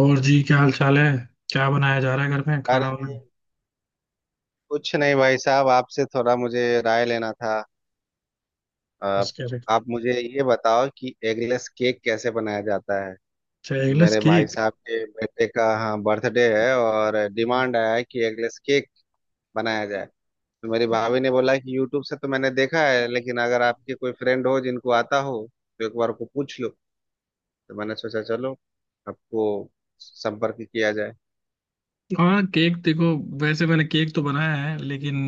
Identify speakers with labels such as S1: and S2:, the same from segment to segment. S1: और जी, क्या हाल चाल है। क्या बनाया जा रहा है घर में, खाना
S2: अरे
S1: वाना।
S2: कुछ नहीं भाई साहब, आपसे थोड़ा मुझे राय लेना था।
S1: यस,
S2: आप
S1: कह रहे।
S2: आप मुझे ये बताओ कि एगलेस केक कैसे बनाया जाता है।
S1: अच्छा, एगलेस
S2: मेरे भाई
S1: केक।
S2: साहब के बेटे का, हाँ, बर्थडे है और डिमांड आया है कि एगलेस केक बनाया जाए। तो मेरी भाभी ने बोला कि यूट्यूब से तो मैंने देखा है, लेकिन अगर आपके कोई फ्रेंड हो जिनको आता हो तो एक बार को पूछ लो। तो मैंने सोचा चलो आपको संपर्क किया जाए।
S1: हाँ, केक देखो, वैसे मैंने केक तो बनाया है, लेकिन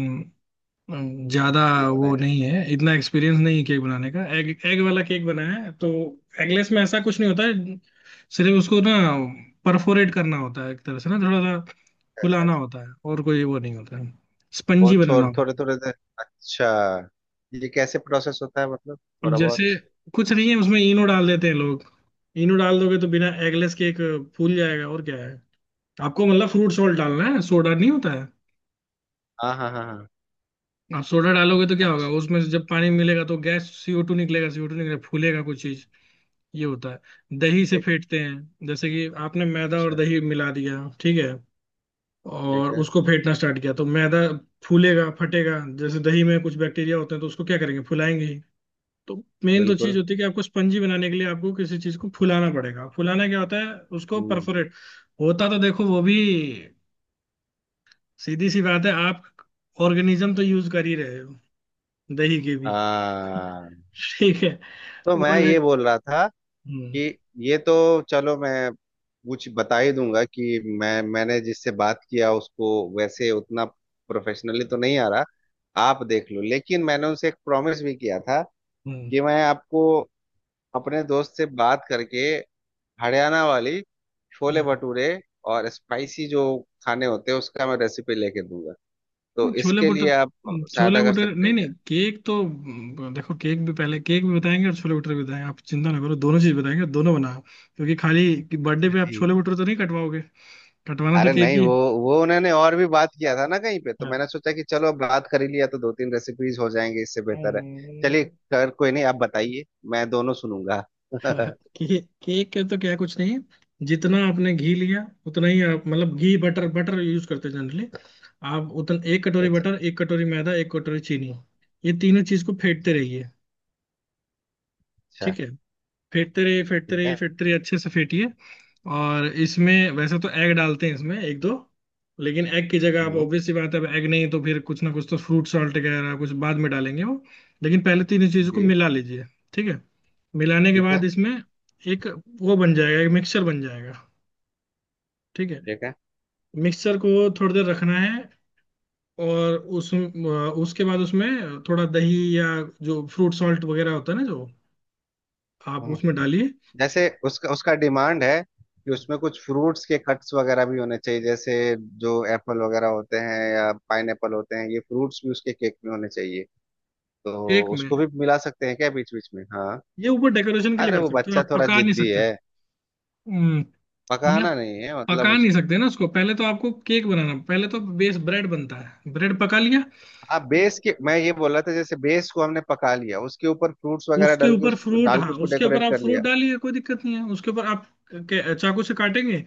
S1: ज्यादा
S2: नहीं
S1: वो
S2: बनाया।
S1: नहीं है, इतना एक्सपीरियंस नहीं है केक बनाने का। एग एग वाला केक बनाया है तो। एगलेस में ऐसा कुछ नहीं होता है, सिर्फ उसको ना परफोरेट करना होता है, एक तरह से ना थोड़ा सा
S2: अच्छा
S1: फुलाना
S2: अच्छा।
S1: होता है, और कोई वो नहीं होता है।
S2: वो
S1: स्पंजी बनाना
S2: छोड़,
S1: होता
S2: थोड़े
S1: है।
S2: थोड़े देर। अच्छा, ये कैसे प्रोसेस होता है, मतलब
S1: अब
S2: थोड़ा
S1: जैसे,
S2: बहुत।
S1: कुछ नहीं है उसमें, इनो डाल देते हैं लोग। इनो डाल दोगे तो बिना एगलेस केक फूल जाएगा, और क्या है, आपको मतलब फ्रूट सॉल्ट डालना है, सोडा नहीं होता है।
S2: हाँ हाँ हाँ हाँ।
S1: आप सोडा डालोगे तो क्या होगा,
S2: अच्छा।
S1: उसमें से जब पानी मिलेगा तो गैस सीओ टू निकलेगा, सीओ टू निकलेगा, फूलेगा कुछ चीज। ये होता है दही से,
S2: ठीक।
S1: फेंटते हैं जैसे कि आपने मैदा और
S2: अच्छा।
S1: दही मिला दिया, ठीक है,
S2: ठीक
S1: और
S2: है।
S1: उसको फेंटना स्टार्ट किया तो मैदा फूलेगा, फटेगा। जैसे दही में कुछ बैक्टीरिया होते हैं, तो उसको क्या करेंगे, फुलाएंगे ही। तो मेन तो चीज
S2: बिल्कुल।
S1: होती है कि आपको स्पंजी बनाने के लिए आपको किसी चीज को फुलाना पड़ेगा। फुलाना क्या होता है, उसको
S2: हम्म।
S1: परफोरेट होता। तो देखो, वो भी सीधी सी बात है, आप ऑर्गेनिज्म तो यूज कर ही रहे हो, दही की भी।
S2: हाँ,
S1: ठीक है,
S2: तो
S1: वो
S2: मैं ये
S1: अलग।
S2: बोल रहा था
S1: हम्म।
S2: कि ये तो चलो, मैं कुछ बता ही दूंगा कि मैंने जिससे बात किया उसको वैसे उतना प्रोफेशनली तो नहीं आ रहा, आप देख लो। लेकिन मैंने उनसे एक प्रॉमिस भी किया था
S1: हम्म।
S2: कि मैं आपको अपने दोस्त से बात करके हरियाणा वाली छोले
S1: हम्म।
S2: भटूरे और स्पाइसी जो खाने होते हैं उसका मैं रेसिपी लेके दूंगा।
S1: नहीं,
S2: तो
S1: छोले
S2: इसके लिए आप
S1: भटूरे, छोले
S2: सहायता कर
S1: भटूरे,
S2: सकते
S1: नहीं
S2: हैं क्या?
S1: नहीं, केक तो देखो, केक भी पहले, केक भी बताएंगे और छोले भटूरे भी बताएंगे, आप चिंता ना करो, दोनों चीज बताएंगे, दोनों बनाओ। क्योंकि खाली बर्थडे
S2: अच्छा,
S1: पे आप
S2: ठीक।
S1: छोले भटूरे तो नहीं कटवाओगे, कटवाना तो
S2: अरे
S1: केक
S2: नहीं,
S1: ही है।
S2: वो उन्होंने और भी बात किया था ना कहीं पे, तो
S1: हाँ।
S2: मैंने सोचा कि चलो अब बात कर ही लिया तो दो तीन रेसिपीज हो जाएंगे, इससे बेहतर है। चलिए,
S1: हम्म।
S2: कर कोई नहीं, आप बताइए, मैं दोनों सुनूंगा। अच्छा।
S1: केक, केक के तो क्या, कुछ नहीं है। जितना आपने घी लिया उतना ही आप, मतलब घी बटर, बटर यूज करते हैं जनरली आप, उतना एक कटोरी बटर, एक कटोरी मैदा, एक कटोरी चीनी, ये तीनों चीज को फेंटते रहिए।
S2: अच्छा।
S1: ठीक है, फेंटते रहिए, फेंटते
S2: ठीक
S1: रहिए,
S2: है।
S1: फेंटते रहिए, अच्छे से फेंटिए। और इसमें वैसे तो एग डालते हैं इसमें एक दो, लेकिन एग की जगह आप,
S2: हम्म।
S1: ऑब्वियस सी बात है, अब एग नहीं तो फिर कुछ ना कुछ तो, फ्रूट सॉल्ट वगैरह कुछ बाद में डालेंगे वो, लेकिन पहले तीनों चीजों को
S2: जी।
S1: मिला लीजिए। ठीक है, मिलाने के
S2: ठीक
S1: बाद
S2: है।
S1: इसमें एक, वो बन जाएगा, एक मिक्सचर बन जाएगा। ठीक है,
S2: ठीक है।
S1: मिक्सचर को थोड़ी देर रखना है, और उस उसके बाद उसमें थोड़ा दही, या जो फ्रूट सॉल्ट वगैरह होता है ना, जो आप
S2: हम्म,
S1: उसमें डालिए।
S2: जैसे उसका उसका डिमांड है कि उसमें कुछ फ्रूट्स के कट्स वगैरह भी होने चाहिए। जैसे जो एप्पल वगैरह होते हैं या पाइनएप्पल होते हैं, ये फ्रूट्स भी उसके केक में होने चाहिए। तो
S1: एक में
S2: उसको भी मिला सकते हैं क्या बीच बीच में, हाँ?
S1: ये ऊपर डेकोरेशन के लिए
S2: अरे
S1: कर
S2: वो
S1: सकते हो,
S2: बच्चा
S1: आप
S2: थोड़ा
S1: पका नहीं
S2: जिद्दी
S1: सकते।
S2: है।
S1: हम्म, नहीं, आप
S2: पकाना नहीं है मतलब
S1: पका नहीं
S2: उसको।
S1: सकते ना उसको। पहले तो आपको केक बनाना, पहले तो बेस ब्रेड बनता है, ब्रेड पका लिया,
S2: हाँ, बेस के, मैं ये बोल रहा था, जैसे बेस को हमने पका लिया, उसके ऊपर फ्रूट्स वगैरह
S1: उसके
S2: डाल के,
S1: ऊपर
S2: उसको
S1: फ्रूट।
S2: डाल के
S1: हाँ,
S2: उसको
S1: उसके ऊपर
S2: डेकोरेट
S1: आप
S2: कर
S1: फ्रूट
S2: लिया।
S1: डालिए, कोई दिक्कत नहीं है। उसके ऊपर आप चाकू से काटेंगे,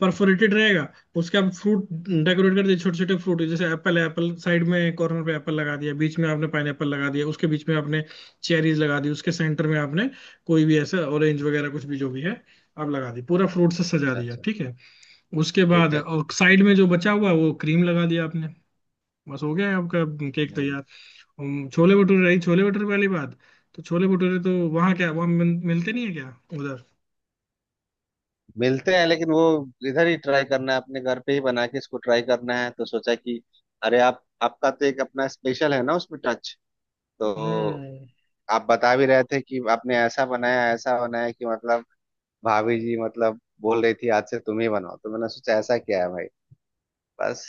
S1: परफोरेटेड रहेगा, उसके आप फ्रूट डेकोरेट कर दिए, छोटे छोटे फ्रूट, जैसे एप्पल है, एप्पल साइड में कॉर्नर पे एप्पल लगा दिया, बीच में आपने पाइनएप्पल लगा दिया, उसके बीच में आपने चेरीज लगा दी, उसके सेंटर में आपने कोई भी ऐसा ऑरेंज वगैरह कुछ भी जो भी है आप लगा दी, पूरा फ्रूट से सजा
S2: अच्छा
S1: दिया।
S2: अच्छा।
S1: ठीक है, उसके
S2: ठीक
S1: बाद
S2: है।
S1: और साइड में जो बचा हुआ है वो क्रीम लगा दिया आपने, बस हो गया है आपका केक
S2: हम्म।
S1: तैयार। हम, छोले भटूरे, रही छोले भटूरे वाली बात। तो छोले भटूरे तो वहाँ क्या, वहाँ मिलते नहीं है क्या उधर।
S2: मिलते हैं, लेकिन वो इधर ही ट्राई करना है, अपने घर पे ही बना के इसको ट्राई करना है। तो सोचा कि अरे आप, आपका तो एक अपना स्पेशल है ना उसमें टच। तो
S1: हम्म।
S2: आप बता भी रहे थे कि आपने ऐसा बनाया, ऐसा बनाया कि, मतलब भाभी जी मतलब बोल रही थी आज से तुम ही बनाओ, तो मैंने सोचा ऐसा क्या है भाई। बस।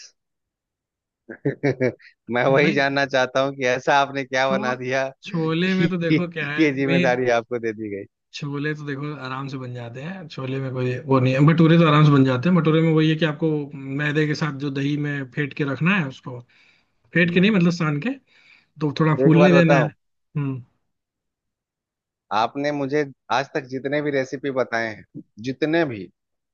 S2: मैं वही
S1: नहीं,
S2: जानना चाहता हूँ कि ऐसा आपने क्या
S1: छो,
S2: बना दिया
S1: छोले में
S2: कि
S1: तो देखो क्या
S2: कि ये
S1: है, मैं।
S2: जिम्मेदारी आपको दे दी गई।
S1: छोले तो देखो आराम से बन जाते हैं, छोले में कोई वो नहीं है। भटूरे तो आराम से बन जाते हैं, भटूरे में वही है कि आपको मैदे के साथ जो दही में फेंट के रखना है उसको, फेंट के
S2: हम्म।
S1: नहीं मतलब सान के, तो थोड़ा
S2: एक बात
S1: फूलने देना है।
S2: बताऊं,
S1: हम्म
S2: आपने मुझे आज तक जितने भी रेसिपी बताए हैं, जितने भी,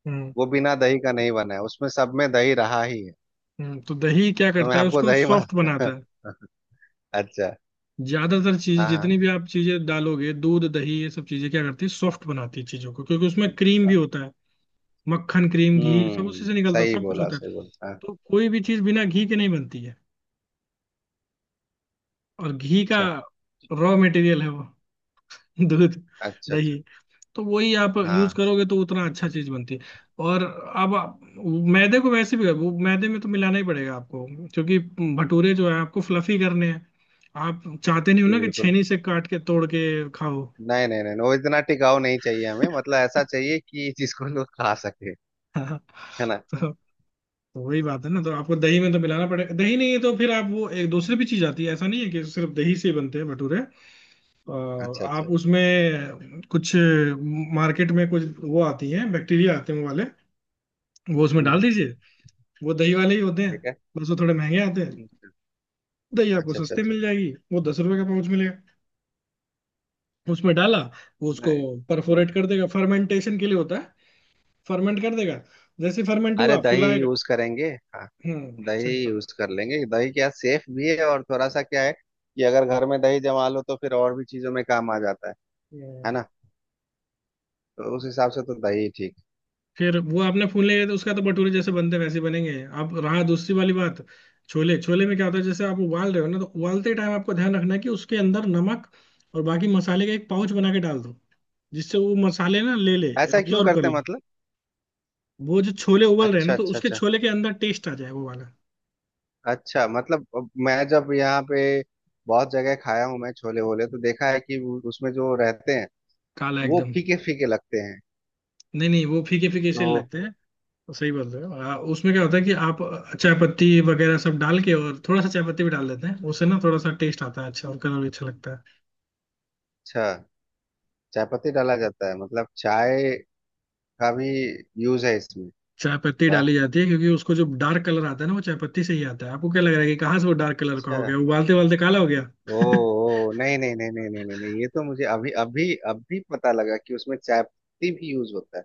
S1: हम्म
S2: वो बिना दही का नहीं बना है, उसमें सब में दही रहा ही है।
S1: तो दही क्या
S2: तो मैं
S1: करता है,
S2: आपको
S1: उसको
S2: दही मान
S1: सॉफ्ट बनाता है।
S2: अच्छा।
S1: ज्यादातर चीज,
S2: हाँ हाँ।
S1: जितनी भी आप चीजें डालोगे, दूध दही, ये सब चीजें क्या करती है, सॉफ्ट बनाती है चीजों को। क्योंकि उसमें क्रीम भी
S2: अच्छा।
S1: होता है, मक्खन, क्रीम, घी सब उसी
S2: हम्म,
S1: से निकलता है,
S2: सही
S1: सब कुछ
S2: बोला,
S1: होता है।
S2: सही बोला, हाँ।
S1: तो कोई भी चीज बिना घी के नहीं बनती है, और घी का
S2: अच्छा
S1: रॉ मटेरियल है वो, दूध,
S2: अच्छा अच्छा।
S1: दही। तो वही आप यूज
S2: हाँ,
S1: करोगे तो उतना अच्छा चीज बनती है। और अब आप मैदे को वैसे भी, वो मैदे में तो मिलाना ही पड़ेगा आपको, क्योंकि भटूरे जो है आपको फ्लफी करने हैं, आप चाहते नहीं हो
S2: जी
S1: ना कि
S2: बिल्कुल।
S1: छेनी से काट के तोड़ के खाओ।
S2: नहीं नहीं नहीं, वो इतना टिकाऊ नहीं चाहिए हमें, मतलब ऐसा चाहिए कि जिसको लोग खा सके।
S1: हाँ,
S2: है ना?
S1: तो तो वही बात है ना, तो आपको दही में तो मिलाना पड़ेगा। दही नहीं है तो फिर आप, वो एक दूसरी भी चीज आती है, ऐसा नहीं है कि सिर्फ दही से ही बनते हैं भटूरे।
S2: अच्छा अच्छा।
S1: आप उसमें कुछ, मार्केट में कुछ वो आती है, बैक्टीरिया आते हैं वो वाले, वो उसमें
S2: हम्म,
S1: डाल
S2: हम्म।
S1: दीजिए, वो दही वाले ही होते हैं,
S2: ठीक है।
S1: बस वो थोड़े महंगे आते हैं। दही आपको
S2: अच्छा अच्छा अच्छा
S1: सस्ते
S2: अच्छा।
S1: मिल जाएगी, वो दस रुपए का पाउच मिलेगा, उसमें डाला, वो उसको
S2: नहीं।
S1: परफोरेट
S2: हम्म।
S1: कर देगा, फर्मेंटेशन के लिए होता है, फर्मेंट कर देगा, जैसे फर्मेंट
S2: अरे
S1: हुआ
S2: दही
S1: फुलाएगा।
S2: यूज करेंगे। हाँ,
S1: हम्म
S2: दही यूज कर लेंगे। दही क्या, सेफ भी है, और थोड़ा सा क्या है कि अगर घर में दही जमा लो तो फिर और भी चीजों में काम आ जाता है। है
S1: सिंपल।
S2: ना? तो उस हिसाब से तो दही ठीक
S1: फिर वो आपने फूल नहीं रहे तो उसका, तो भटूरे जैसे बनते हैं, वैसे बनेंगे। अब रहा दूसरी वाली बात, छोले, छोले में क्या होता है, जैसे आप उबाल रहे हो ना, तो उबालते टाइम आपको ध्यान रखना है कि उसके अंदर नमक और बाकी मसाले का एक पाउच बना के डाल दो, जिससे वो मसाले ना ले ले,
S2: है। ऐसा क्यों
S1: एब्जॉर्व कर
S2: करते हैं
S1: ले।
S2: मतलब?
S1: वो जो छोले उबल रहे हैं ना,
S2: अच्छा
S1: तो
S2: अच्छा
S1: उसके
S2: अच्छा।
S1: छोले के अंदर टेस्ट आ जाए वो वाला,
S2: अच्छा, मतलब अब मैं जब यहाँ पे बहुत जगह खाया हूँ मैं छोले वोले, तो देखा है कि वो- उसमें जो रहते हैं
S1: काला
S2: वो
S1: एकदम।
S2: फीके फीके लगते हैं।
S1: नहीं नहीं, वो फीके फीके से
S2: तो
S1: लगते हैं तो, सही बोल रहे हो। उसमें क्या होता है कि आप चाय पत्ती वगैरह सब डाल के, और थोड़ा सा चाय पत्ती भी डाल देते हैं, उससे ना थोड़ा सा टेस्ट आता है अच्छा, और कलर भी अच्छा लगता है।
S2: अच्छा, चाय पत्ती डाला जाता है? मतलब चाय का भी यूज है इसमें?
S1: चाय पत्ती
S2: वाह।
S1: डाली जाती है क्योंकि उसको जो डार्क कलर आता है ना, वो चाय पत्ती से ही आता है, आपको क्या लग रहा है कि कहाँ से वो डार्क कलर का
S2: अच्छा।
S1: हो गया, उबालते उबालते काला हो गया।
S2: ओ ओ नहीं नहीं नहीं नहीं नहीं नहीं नहीं, ये तो मुझे अभी अभी अभी पता लगा कि उसमें चाय भी यूज होता है।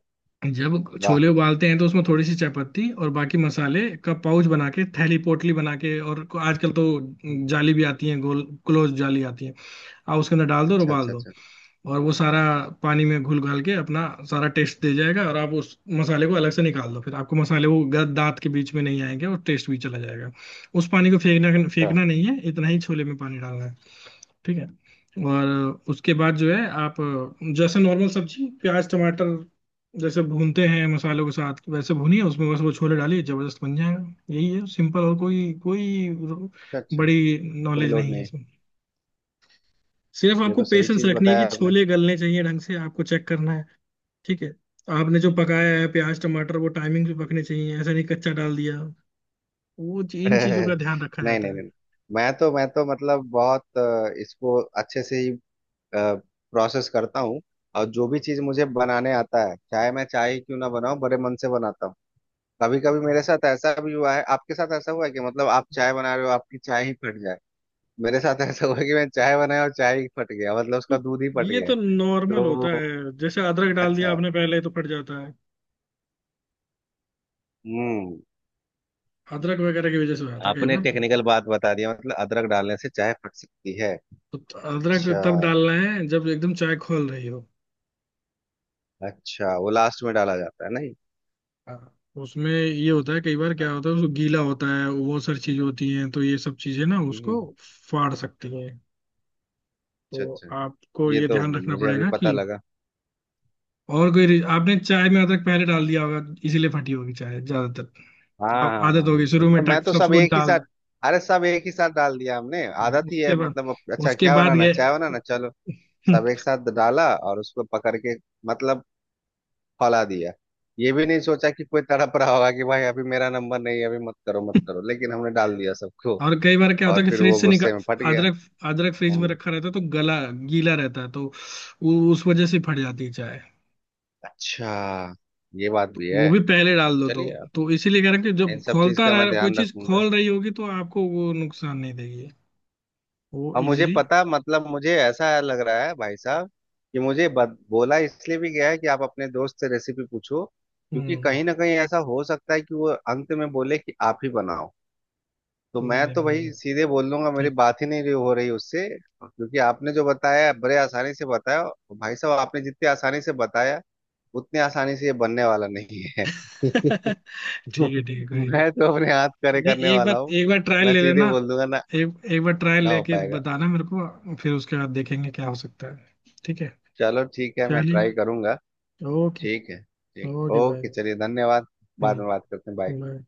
S1: जब
S2: वाह।
S1: छोले उबालते हैं तो उसमें थोड़ी सी चाय पत्ती और बाकी मसाले का पाउच बना के, थैली पोटली बना के, और आजकल तो
S2: हम्म।
S1: जाली भी आती है, गोल क्लोज जाली आती है, आप उसके अंदर डाल दो और
S2: अच्छा
S1: उबाल
S2: अच्छा
S1: दो,
S2: अच्छा
S1: और वो सारा पानी में घुल घाल के अपना सारा टेस्ट दे जाएगा, और आप उस मसाले को अलग से निकाल दो, फिर आपको मसाले वो दांत के बीच में नहीं आएंगे, और टेस्ट भी चला जाएगा। उस पानी को फेंकना,
S2: अच्छा।
S1: फेंकना नहीं है, इतना ही छोले में पानी डालना है। ठीक है, और उसके बाद जो है आप जैसे नॉर्मल सब्जी प्याज टमाटर जैसे भूनते हैं मसालों के साथ, वैसे भूनिए उसमें बस वो छोले डालिए, जबरदस्त बन जाएगा, यही है सिंपल, और कोई कोई
S2: अच्छा अच्छा,
S1: बड़ी
S2: कोई
S1: नॉलेज
S2: लोड
S1: नहीं है
S2: नहीं।
S1: इसमें। सिर्फ
S2: ये
S1: आपको
S2: तो सही
S1: पेशेंस
S2: चीज
S1: रखनी है कि
S2: बताया आपने।
S1: छोले गलने चाहिए ढंग से, आपको चेक करना है। ठीक है, आपने जो पकाया है, प्याज टमाटर, वो टाइमिंग पे पकने चाहिए, ऐसा नहीं कच्चा डाल दिया, वो इन चीजों का ध्यान रखा
S2: नहीं
S1: जाता
S2: नहीं
S1: है।
S2: नहीं, मैं तो, मैं तो मतलब बहुत इसको अच्छे से ही प्रोसेस करता हूँ। और जो भी चीज मुझे बनाने आता है, चाहे मैं चाय ही क्यों ना बनाऊं, बड़े मन से बनाता हूँ। कभी कभी मेरे साथ ऐसा भी हुआ है, आपके साथ ऐसा हुआ है कि मतलब आप चाय बना रहे हो, आपकी चाय ही फट जाए? मेरे साथ ऐसा हुआ कि मैं चाय बनाया और चाय ही फट गया, मतलब
S1: तो
S2: उसका दूध ही फट
S1: ये
S2: गया।
S1: तो नॉर्मल होता
S2: तो
S1: है, जैसे अदरक डाल दिया
S2: अच्छा।
S1: आपने पहले तो फट जाता है,
S2: हम्म।
S1: अदरक वगैरह की वजह से हो जाता है कई
S2: आपने
S1: बार,
S2: टेक्निकल बात बता दिया, मतलब अदरक डालने से चाय फट सकती है।
S1: तो अदरक
S2: अच्छा।
S1: तब डालना है जब एकदम चाय खोल रही हो।
S2: अच्छा, वो लास्ट में डाला जाता है, नहीं?
S1: हाँ। उसमें ये होता है कई बार,
S2: अच्छा।
S1: क्या होता है उसको गीला होता है, वो सारी चीजें होती हैं, तो ये सब चीजें ना उसको
S2: हम्म।
S1: फाड़ सकती हैं।
S2: अच्छा
S1: तो
S2: अच्छा।
S1: आपको
S2: ये
S1: ये
S2: तो
S1: ध्यान रखना
S2: मुझे अभी
S1: पड़ेगा
S2: पता
S1: कि,
S2: लगा।
S1: और कोई आपने चाय में अदरक पहले डाल दिया होगा, इसीलिए फटी होगी चाय
S2: हाँ
S1: ज्यादातर। अब
S2: हाँ हाँ,
S1: आदत होगी शुरू
S2: मतलब
S1: में
S2: मैं
S1: टक
S2: तो
S1: सब
S2: सब
S1: कुछ
S2: एक ही
S1: डाल
S2: साथ। अरे सब एक ही साथ डाल दिया हमने,
S1: दो,
S2: आदत ही
S1: उसके
S2: है
S1: बाद
S2: मतलब। अब- अच्छा,
S1: उसके
S2: क्या
S1: बाद
S2: बनाना?
S1: गए।
S2: चाय बनाना, चलो। सब एक साथ डाला और उसको पकड़ के मतलब फैला दिया। ये भी नहीं सोचा कि कोई तड़प रहा होगा कि भाई अभी मेरा नंबर नहीं है, अभी मत करो, मत करो, लेकिन हमने डाल दिया सबको।
S1: और कई बार क्या होता है
S2: और
S1: कि
S2: फिर वो
S1: फ्रिज से
S2: गुस्से में फट
S1: निकाल,
S2: गया।
S1: अदरक, अदरक फ्रिज में
S2: हम्म।
S1: रखा रहता है तो गला गीला रहता है, तो उस वजह से फट जाती है चाय,
S2: अच्छा, ये बात
S1: तो
S2: भी है।
S1: वो भी पहले डाल दो तो।
S2: चलिए, अब
S1: तो इसीलिए कह रहा कि
S2: इन
S1: जब
S2: सब चीज
S1: खोलता
S2: का मैं
S1: रह, कोई
S2: ध्यान
S1: चीज
S2: रखूंगा।
S1: खोल रही होगी तो आपको वो नुकसान नहीं देगी, वो
S2: और मुझे
S1: इजिली।
S2: पता, मतलब मुझे ऐसा लग रहा है भाई साहब कि मुझे बोला इसलिए भी गया है कि आप अपने दोस्त से रेसिपी पूछो, क्योंकि
S1: हम्म।
S2: कहीं ना कहीं ऐसा हो सकता है कि वो अंत में बोले कि आप ही बनाओ। तो
S1: नहीं
S2: मैं
S1: नहीं,
S2: तो
S1: बिल्कुल
S2: भाई सीधे बोल लूंगा मेरी
S1: ठीक।
S2: बात ही नहीं रही- हो रही उससे, क्योंकि आपने जो बताया बड़े आसानी से बताया। और भाई साहब, आपने जितनी आसानी से बताया उतनी आसानी से ये बनने वाला नहीं है।
S1: ठीक है, ठीक है, कोई नहीं।
S2: मैं तो अपने हाथ खड़े
S1: नहीं,
S2: करने
S1: एक
S2: वाला
S1: बार
S2: हूँ।
S1: एक बार ट्रायल
S2: मैं
S1: ले
S2: सीधे
S1: लेना,
S2: बोल दूंगा ना,
S1: एक एक बार ट्रायल
S2: ना हो
S1: लेके
S2: पाएगा।
S1: बताना मेरे को, फिर उसके बाद देखेंगे क्या हो सकता है। ठीक है,
S2: चलो ठीक है, मैं
S1: चलिए,
S2: ट्राई करूंगा।
S1: ओके।
S2: ठीक है। ठीक।
S1: Okay, bye.
S2: ओके, चलिए, धन्यवाद। बाद में बात करते हैं, बाय।
S1: बाय।